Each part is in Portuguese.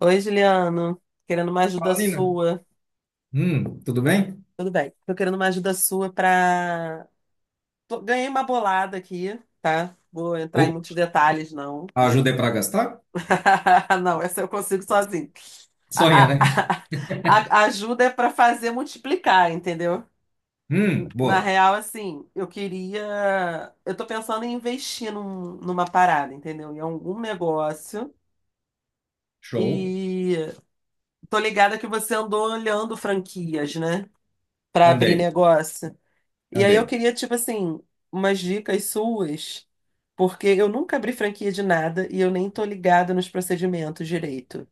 Oi, Juliano. Querendo uma ajuda Fala, Nina. sua. Tudo bem? Tudo bem. Tô querendo uma ajuda sua pra. Ganhei uma bolada aqui, tá? Vou entrar em Opa, muitos detalhes, não. ajudei para gastar? Não, essa eu consigo sozinho. Sonha, A, a- né? a ajuda é pra fazer multiplicar, entendeu? Na Boa. real, assim, eu queria. Eu tô pensando em investir numa parada, entendeu? Em algum negócio. Show. E tô ligada que você andou olhando franquias, né? Pra abrir Andei, negócio. E aí eu andei. queria, tipo assim, umas dicas suas, porque eu nunca abri franquia de nada e eu nem tô ligada nos procedimentos direito,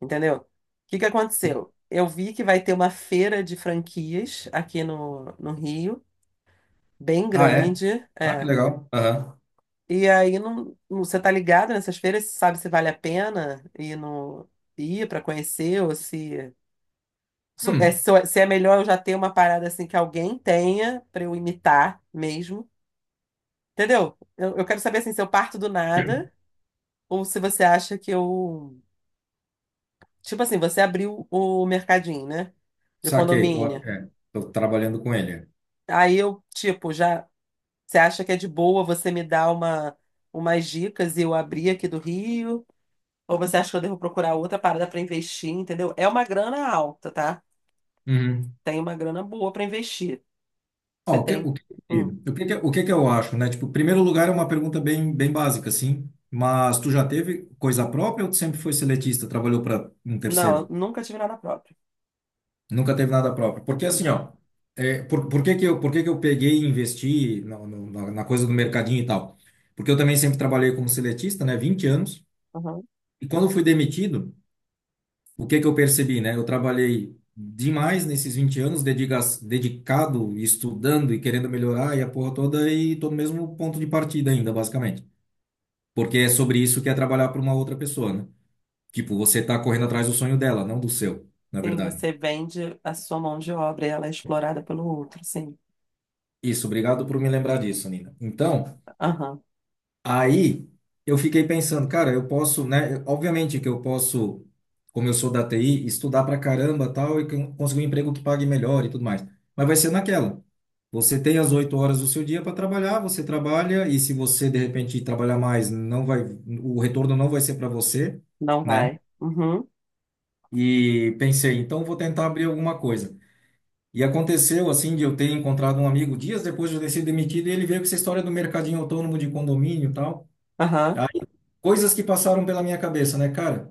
entendeu? O que que aconteceu? Eu vi que vai ter uma feira de franquias aqui no Rio, bem Ah, é? grande, Ah, que é. legal. Aham. E aí não, você tá ligado nessas feiras, você sabe se vale a pena ir para conhecer ou se Hum, se é melhor eu já ter uma parada assim que alguém tenha para eu imitar mesmo. Entendeu? Eu quero saber assim, se eu parto do nada ou se você acha que eu. Tipo assim, você abriu o mercadinho, né? De saquei. Tô, condomínio. é, tô trabalhando com ele. Aí eu, tipo, já. Você acha que é de boa você me dar umas dicas e eu abrir aqui do Rio? Ou você acha que eu devo procurar outra parada pra investir, entendeu? É uma grana alta, tá? Uhum. Tem uma grana boa pra investir. Ó, Você tem. Hum. O que que eu acho, né? Tipo, primeiro lugar é uma pergunta bem básica, assim. Mas tu já teve coisa própria ou tu sempre foi seletista, trabalhou para um Não, eu terceiro? nunca tive nada próprio. Nunca teve nada próprio. Porque assim, ó, é, por que que eu, por que que eu peguei e investi na, no- na, na coisa do mercadinho e tal? Porque eu também sempre trabalhei como seletista, né, 20 anos. Uhum. E quando eu fui demitido, o que que eu percebi, né? Eu trabalhei demais nesses 20 anos, dedicado, estudando e querendo melhorar e a porra toda, e tô no mesmo ponto de partida ainda, basicamente. Porque é sobre isso que é trabalhar para uma outra pessoa, né? Tipo, você tá correndo atrás do sonho dela, não do seu, na Sim, verdade. você vende a sua mão de obra e ela é explorada pelo outro, sim. Isso, obrigado por me lembrar disso, Nina. Então, Aham, aí eu fiquei pensando, cara, eu posso, né? Obviamente que eu posso, como eu sou da TI, estudar pra caramba tal e conseguir um emprego que pague melhor e tudo mais. Mas vai ser naquela. Você tem as 8 horas do seu dia para trabalhar, você trabalha e se você de repente trabalhar mais, não vai, o retorno não vai ser para você, não né? vai. Uhum, E pensei, então vou tentar abrir alguma coisa. E aconteceu assim de eu ter encontrado um amigo dias depois de eu ter sido demitido e ele veio com essa história do mercadinho autônomo de condomínio e tal. aham, Coisas que passaram pela minha cabeça, né, cara?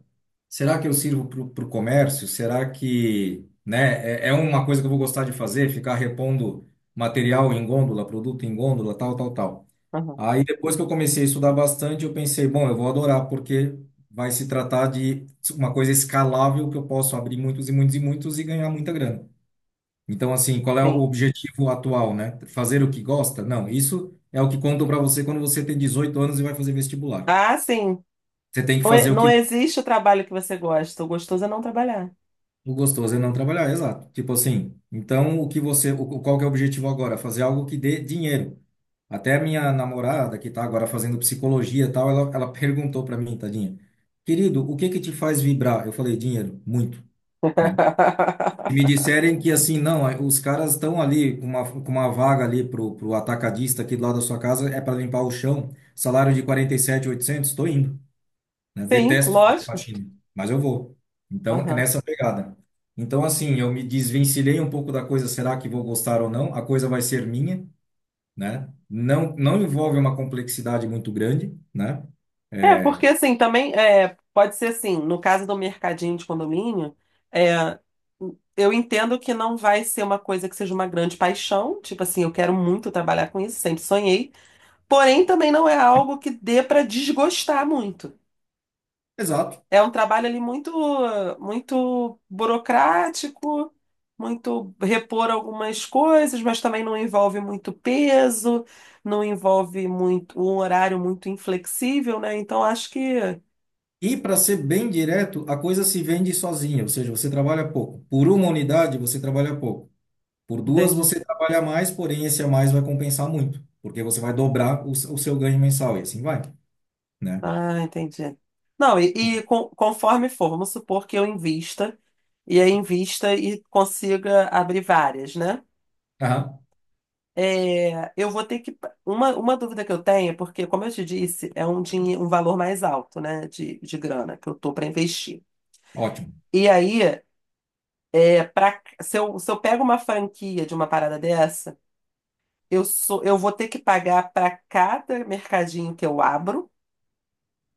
Será que eu sirvo para o comércio? Será que, né, é, é uma coisa que eu vou gostar de fazer, ficar repondo material em gôndola, produto em gôndola, tal, tal, tal. aham, Aí depois que eu comecei a estudar bastante, eu pensei, bom, eu vou adorar porque vai se tratar de uma coisa escalável que eu posso abrir muitos e muitos e muitos e ganhar muita grana. Então, assim, qual é o sim. objetivo atual, né? Fazer o que gosta? Não, isso é o que contam para você quando você tem 18 anos e vai fazer vestibular. Ah, sim. Você tem que Não, fazer o não que existe o trabalho que você gosta. O gostoso é não trabalhar. O gostoso é não trabalhar, exato. Tipo assim, então o que você, o, qual que é o objetivo agora? Fazer algo que dê dinheiro. Até a minha namorada, que tá agora fazendo psicologia e tal, ela perguntou para mim, tadinha, querido, o que que te faz vibrar? Eu falei, dinheiro, muito, né? E me disserem que assim, não, é, os caras estão ali com uma vaga ali pro atacadista aqui do lado da sua casa, é para limpar o chão, salário de 47.800 tô indo, né? Sim, Detesto fazer lógico. faxina, mas eu vou. Então, é Aham. nessa pegada. Então, assim, eu me desvencilhei um pouco da coisa, será que vou gostar ou não? A coisa vai ser minha, né? Não, não envolve uma complexidade muito grande, né? É, É, porque assim, também é, pode ser assim, no caso do mercadinho de condomínio, é, eu entendo que não vai ser uma coisa que seja uma grande paixão. Tipo assim, eu quero muito trabalhar com isso, sempre sonhei. Porém, também não é algo que dê para desgostar muito. exato. É um trabalho ali muito, muito burocrático, muito repor algumas coisas, mas também não envolve muito peso, não envolve muito um horário muito inflexível, né? Então acho que E para ser bem direto, a coisa se vende sozinha, ou seja, você trabalha pouco. Por uma unidade, você trabalha pouco. Por duas, entendi. você trabalha mais, porém esse a mais vai compensar muito, porque você vai dobrar o, o seu ganho mensal e assim vai, né? Ah, entendi. Não, conforme for, vamos supor que eu invista e aí invista e consiga abrir várias, né? Aham, É, eu vou ter que. Uma dúvida que eu tenho, é porque, como eu te disse, é um valor mais alto, né, de grana que eu tô para investir. ótimo. E aí, é pra, se eu pego uma franquia de uma parada dessa, eu vou ter que pagar para cada mercadinho que eu abro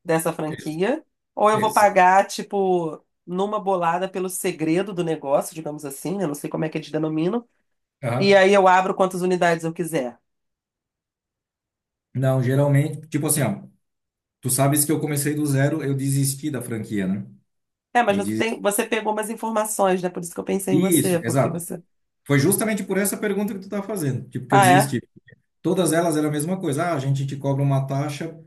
dessa franquia, ou eu vou Exato. pagar, tipo, numa bolada pelo segredo do negócio, digamos assim, eu não sei como é que eles denominam, e Aham. aí eu abro quantas unidades eu quiser. Não, geralmente, tipo assim, ó, tu sabes que eu comecei do zero, eu desisti da franquia, né? É, mas Eu você desisti. tem, você pegou umas informações, né? Por isso que eu pensei em Isso, você, porque exato. você. Foi justamente por essa pergunta que tu tá fazendo, tipo, que eu Ah, é? desisti. Todas elas eram a mesma coisa. Ah, a gente te cobra uma taxa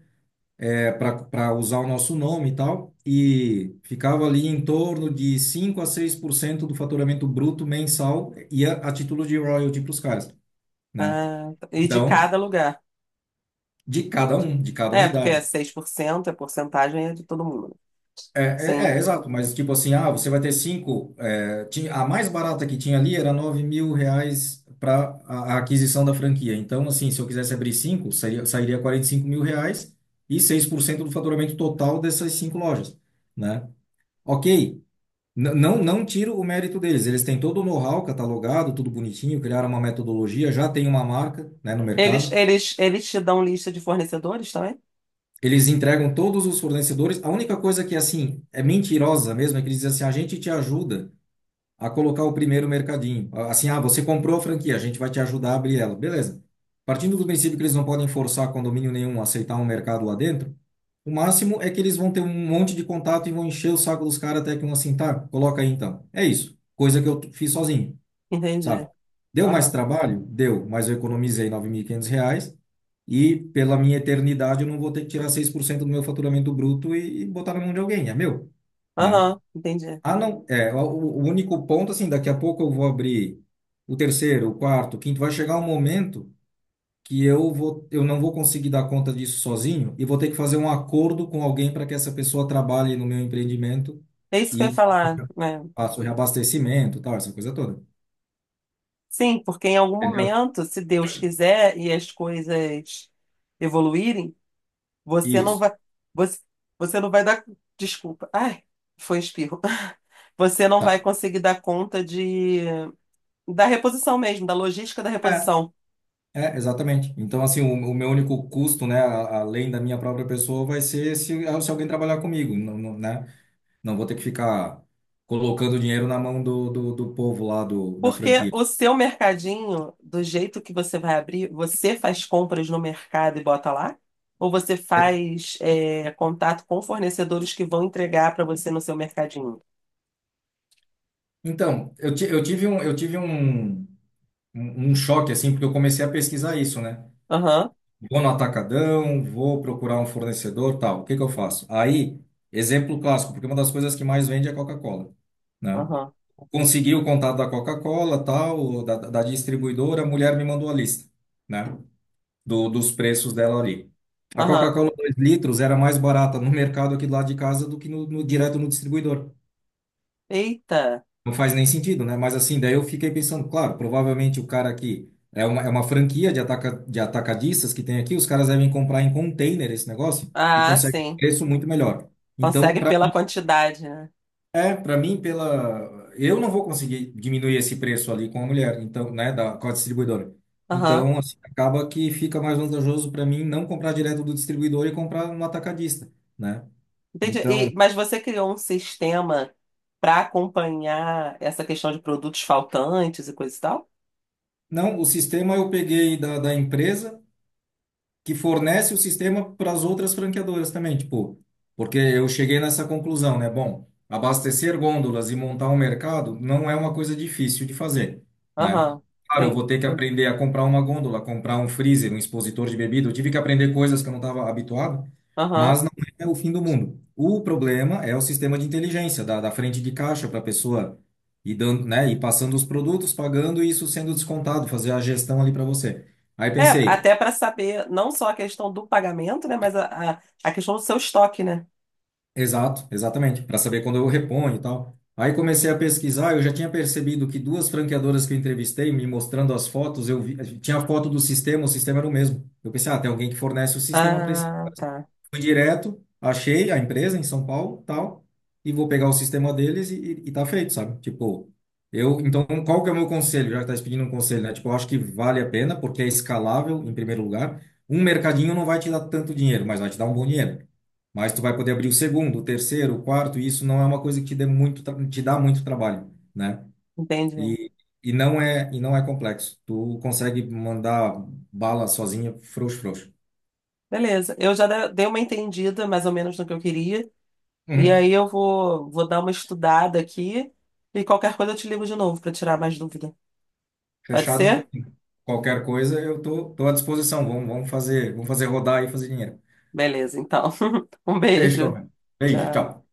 é, para usar o nosso nome e tal, e ficava ali em torno de 5 a 6% do faturamento bruto mensal ia a título de royalty para os caras, né? Ah, tá. E de Então, cada lugar. de cada um, de cada É, porque é unidade. 6% é porcentagem é de todo mundo. Né? Sim. Exato, mas tipo assim, ah, você vai ter cinco. É, tinha, a mais barata que tinha ali era R$ 9.000 para a aquisição da franquia. Então, assim, se eu quisesse abrir cinco, seria, sairia R$ 45.000 e 6% do faturamento total dessas cinco lojas, né? Ok, não, não tiro o mérito deles. Eles têm todo o know-how catalogado, tudo bonitinho, criaram uma metodologia, já tem uma marca, né, no Eles, mercado. eles, eles te dão lista de fornecedores também? Eles entregam todos os fornecedores. A única coisa que, assim, é mentirosa mesmo é que eles dizem assim: a gente te ajuda a colocar o primeiro mercadinho. Ah, assim, ah, você comprou a franquia, a gente vai te ajudar a abrir ela. Beleza. Partindo do princípio que eles não podem forçar condomínio nenhum a aceitar um mercado lá dentro, o máximo é que eles vão ter um monte de contato e vão encher o saco dos caras até que um assim, tá, coloca aí então. É isso. Coisa que eu fiz sozinho, sabe? Entendi. Deu mais Aham. trabalho? Deu, mas eu economizei R$ 500 e pela minha eternidade eu não vou ter que tirar 6% do meu faturamento bruto e botar na mão de alguém, é meu, né? Aham, entendi. Ah, não, é, o único ponto, assim, daqui a pouco eu vou abrir o terceiro, o quarto, o quinto, vai chegar um momento que eu vou, eu não vou conseguir dar conta disso sozinho e vou ter que fazer um acordo com alguém para que essa pessoa trabalhe no meu empreendimento É isso que eu ia e falar, né? faça o reabastecimento, tal, essa coisa toda, Sim, porque em algum entendeu? momento, se Deus quiser e as coisas evoluírem, você não Isso, vai. Você, você não vai dar. Desculpa. Ai, foi um espirro. Você não vai tá. conseguir dar conta de da reposição mesmo, da logística da É, reposição. é, exatamente. Então, assim, o meu único custo, né, a- além da minha própria pessoa, vai ser se alguém trabalhar comigo, não, não, né? Não vou ter que ficar colocando dinheiro na mão do povo lá do, da Porque franquia. o seu mercadinho, do jeito que você vai abrir, você faz compras no mercado e bota lá? Ou você E- faz contato com fornecedores que vão entregar para você no seu mercadinho? Então, eu tive um, um choque, assim, porque eu comecei a pesquisar isso, né? Aham, Vou no atacadão, vou procurar um fornecedor, tal. O que que eu faço? Aí, exemplo clássico, porque uma das coisas que mais vende é a Coca-Cola, né? aham, Consegui o contato da Coca-Cola, tal, da distribuidora, a mulher me mandou a lista, né? Dos preços dela ali. A aham. Coca-Cola 2 litros era mais barata no mercado aqui do lado de casa do que no, direto no distribuidor. Eita! Não faz nem sentido, né? Mas assim, daí eu fiquei pensando, claro, provavelmente o cara aqui é uma franquia de, de atacadistas que tem aqui, os caras devem comprar em container esse negócio e Ah, conseguem um sim. preço muito melhor. Então, Consegue para pela quantidade, né? É, para mim, pela. Eu não vou conseguir diminuir esse preço ali com a mulher, então, né, da, com a distribuidora. Aham. Então, assim, acaba que fica mais vantajoso para mim não comprar direto do distribuidor e comprar no atacadista, né? Entendi. Então, Mas você criou um sistema para acompanhar essa questão de produtos faltantes e coisa e tal? não, o sistema eu peguei da empresa que fornece o sistema para as outras franqueadoras também, tipo, porque eu cheguei nessa conclusão, né? Bom, abastecer gôndolas e montar um mercado não é uma coisa difícil de fazer, né? Aham, Claro, eu sim. vou ter que aprender a comprar uma gôndola, comprar um freezer, um expositor de bebida. Eu tive que aprender coisas que eu não estava habituado, Aham. mas não é o fim do mundo. O problema é o sistema de inteligência da frente de caixa para a pessoa ir dando, né, e passando os produtos, pagando e isso sendo descontado, fazer a gestão ali para você. Aí É, pensei, até para saber não só a questão do pagamento, né, mas a questão do seu estoque, né? exato, exatamente, para saber quando eu reponho e tal. Aí comecei a pesquisar, eu já tinha percebido que duas franqueadoras que eu entrevistei, me mostrando as fotos, eu vi, tinha a foto do sistema, o sistema era o mesmo. Eu pensei, ah, tem alguém que fornece o sistema para esse. Ah, tá. Fui direto, achei a empresa em São Paulo, tal, e vou pegar o sistema deles e tá feito, sabe? Tipo, eu, então, qual que é o meu conselho? Já que tá se pedindo um conselho, né? Tipo, eu acho que vale a pena, porque é escalável, em primeiro lugar. Um mercadinho não vai te dar tanto dinheiro, mas vai te dar um bom dinheiro. Mas tu vai poder abrir o segundo, o terceiro, o quarto, e isso não é uma coisa que te dê muito, te dá muito trabalho, né? Entendi. E, e não é, e não é complexo. Tu consegue mandar bala sozinha, frouxo, frouxo. Beleza. Eu já dei uma entendida mais ou menos no que eu queria. E aí Uhum. eu vou dar uma estudada aqui e qualquer coisa eu te ligo de novo para tirar mais dúvida. Pode Fechado, ser? qualquer coisa, eu tô, tô à disposição. Vamos, vamos fazer rodar e fazer dinheiro. Beleza, então. Um Fechou, beijo. velho. Beijo, Tchau. tchau.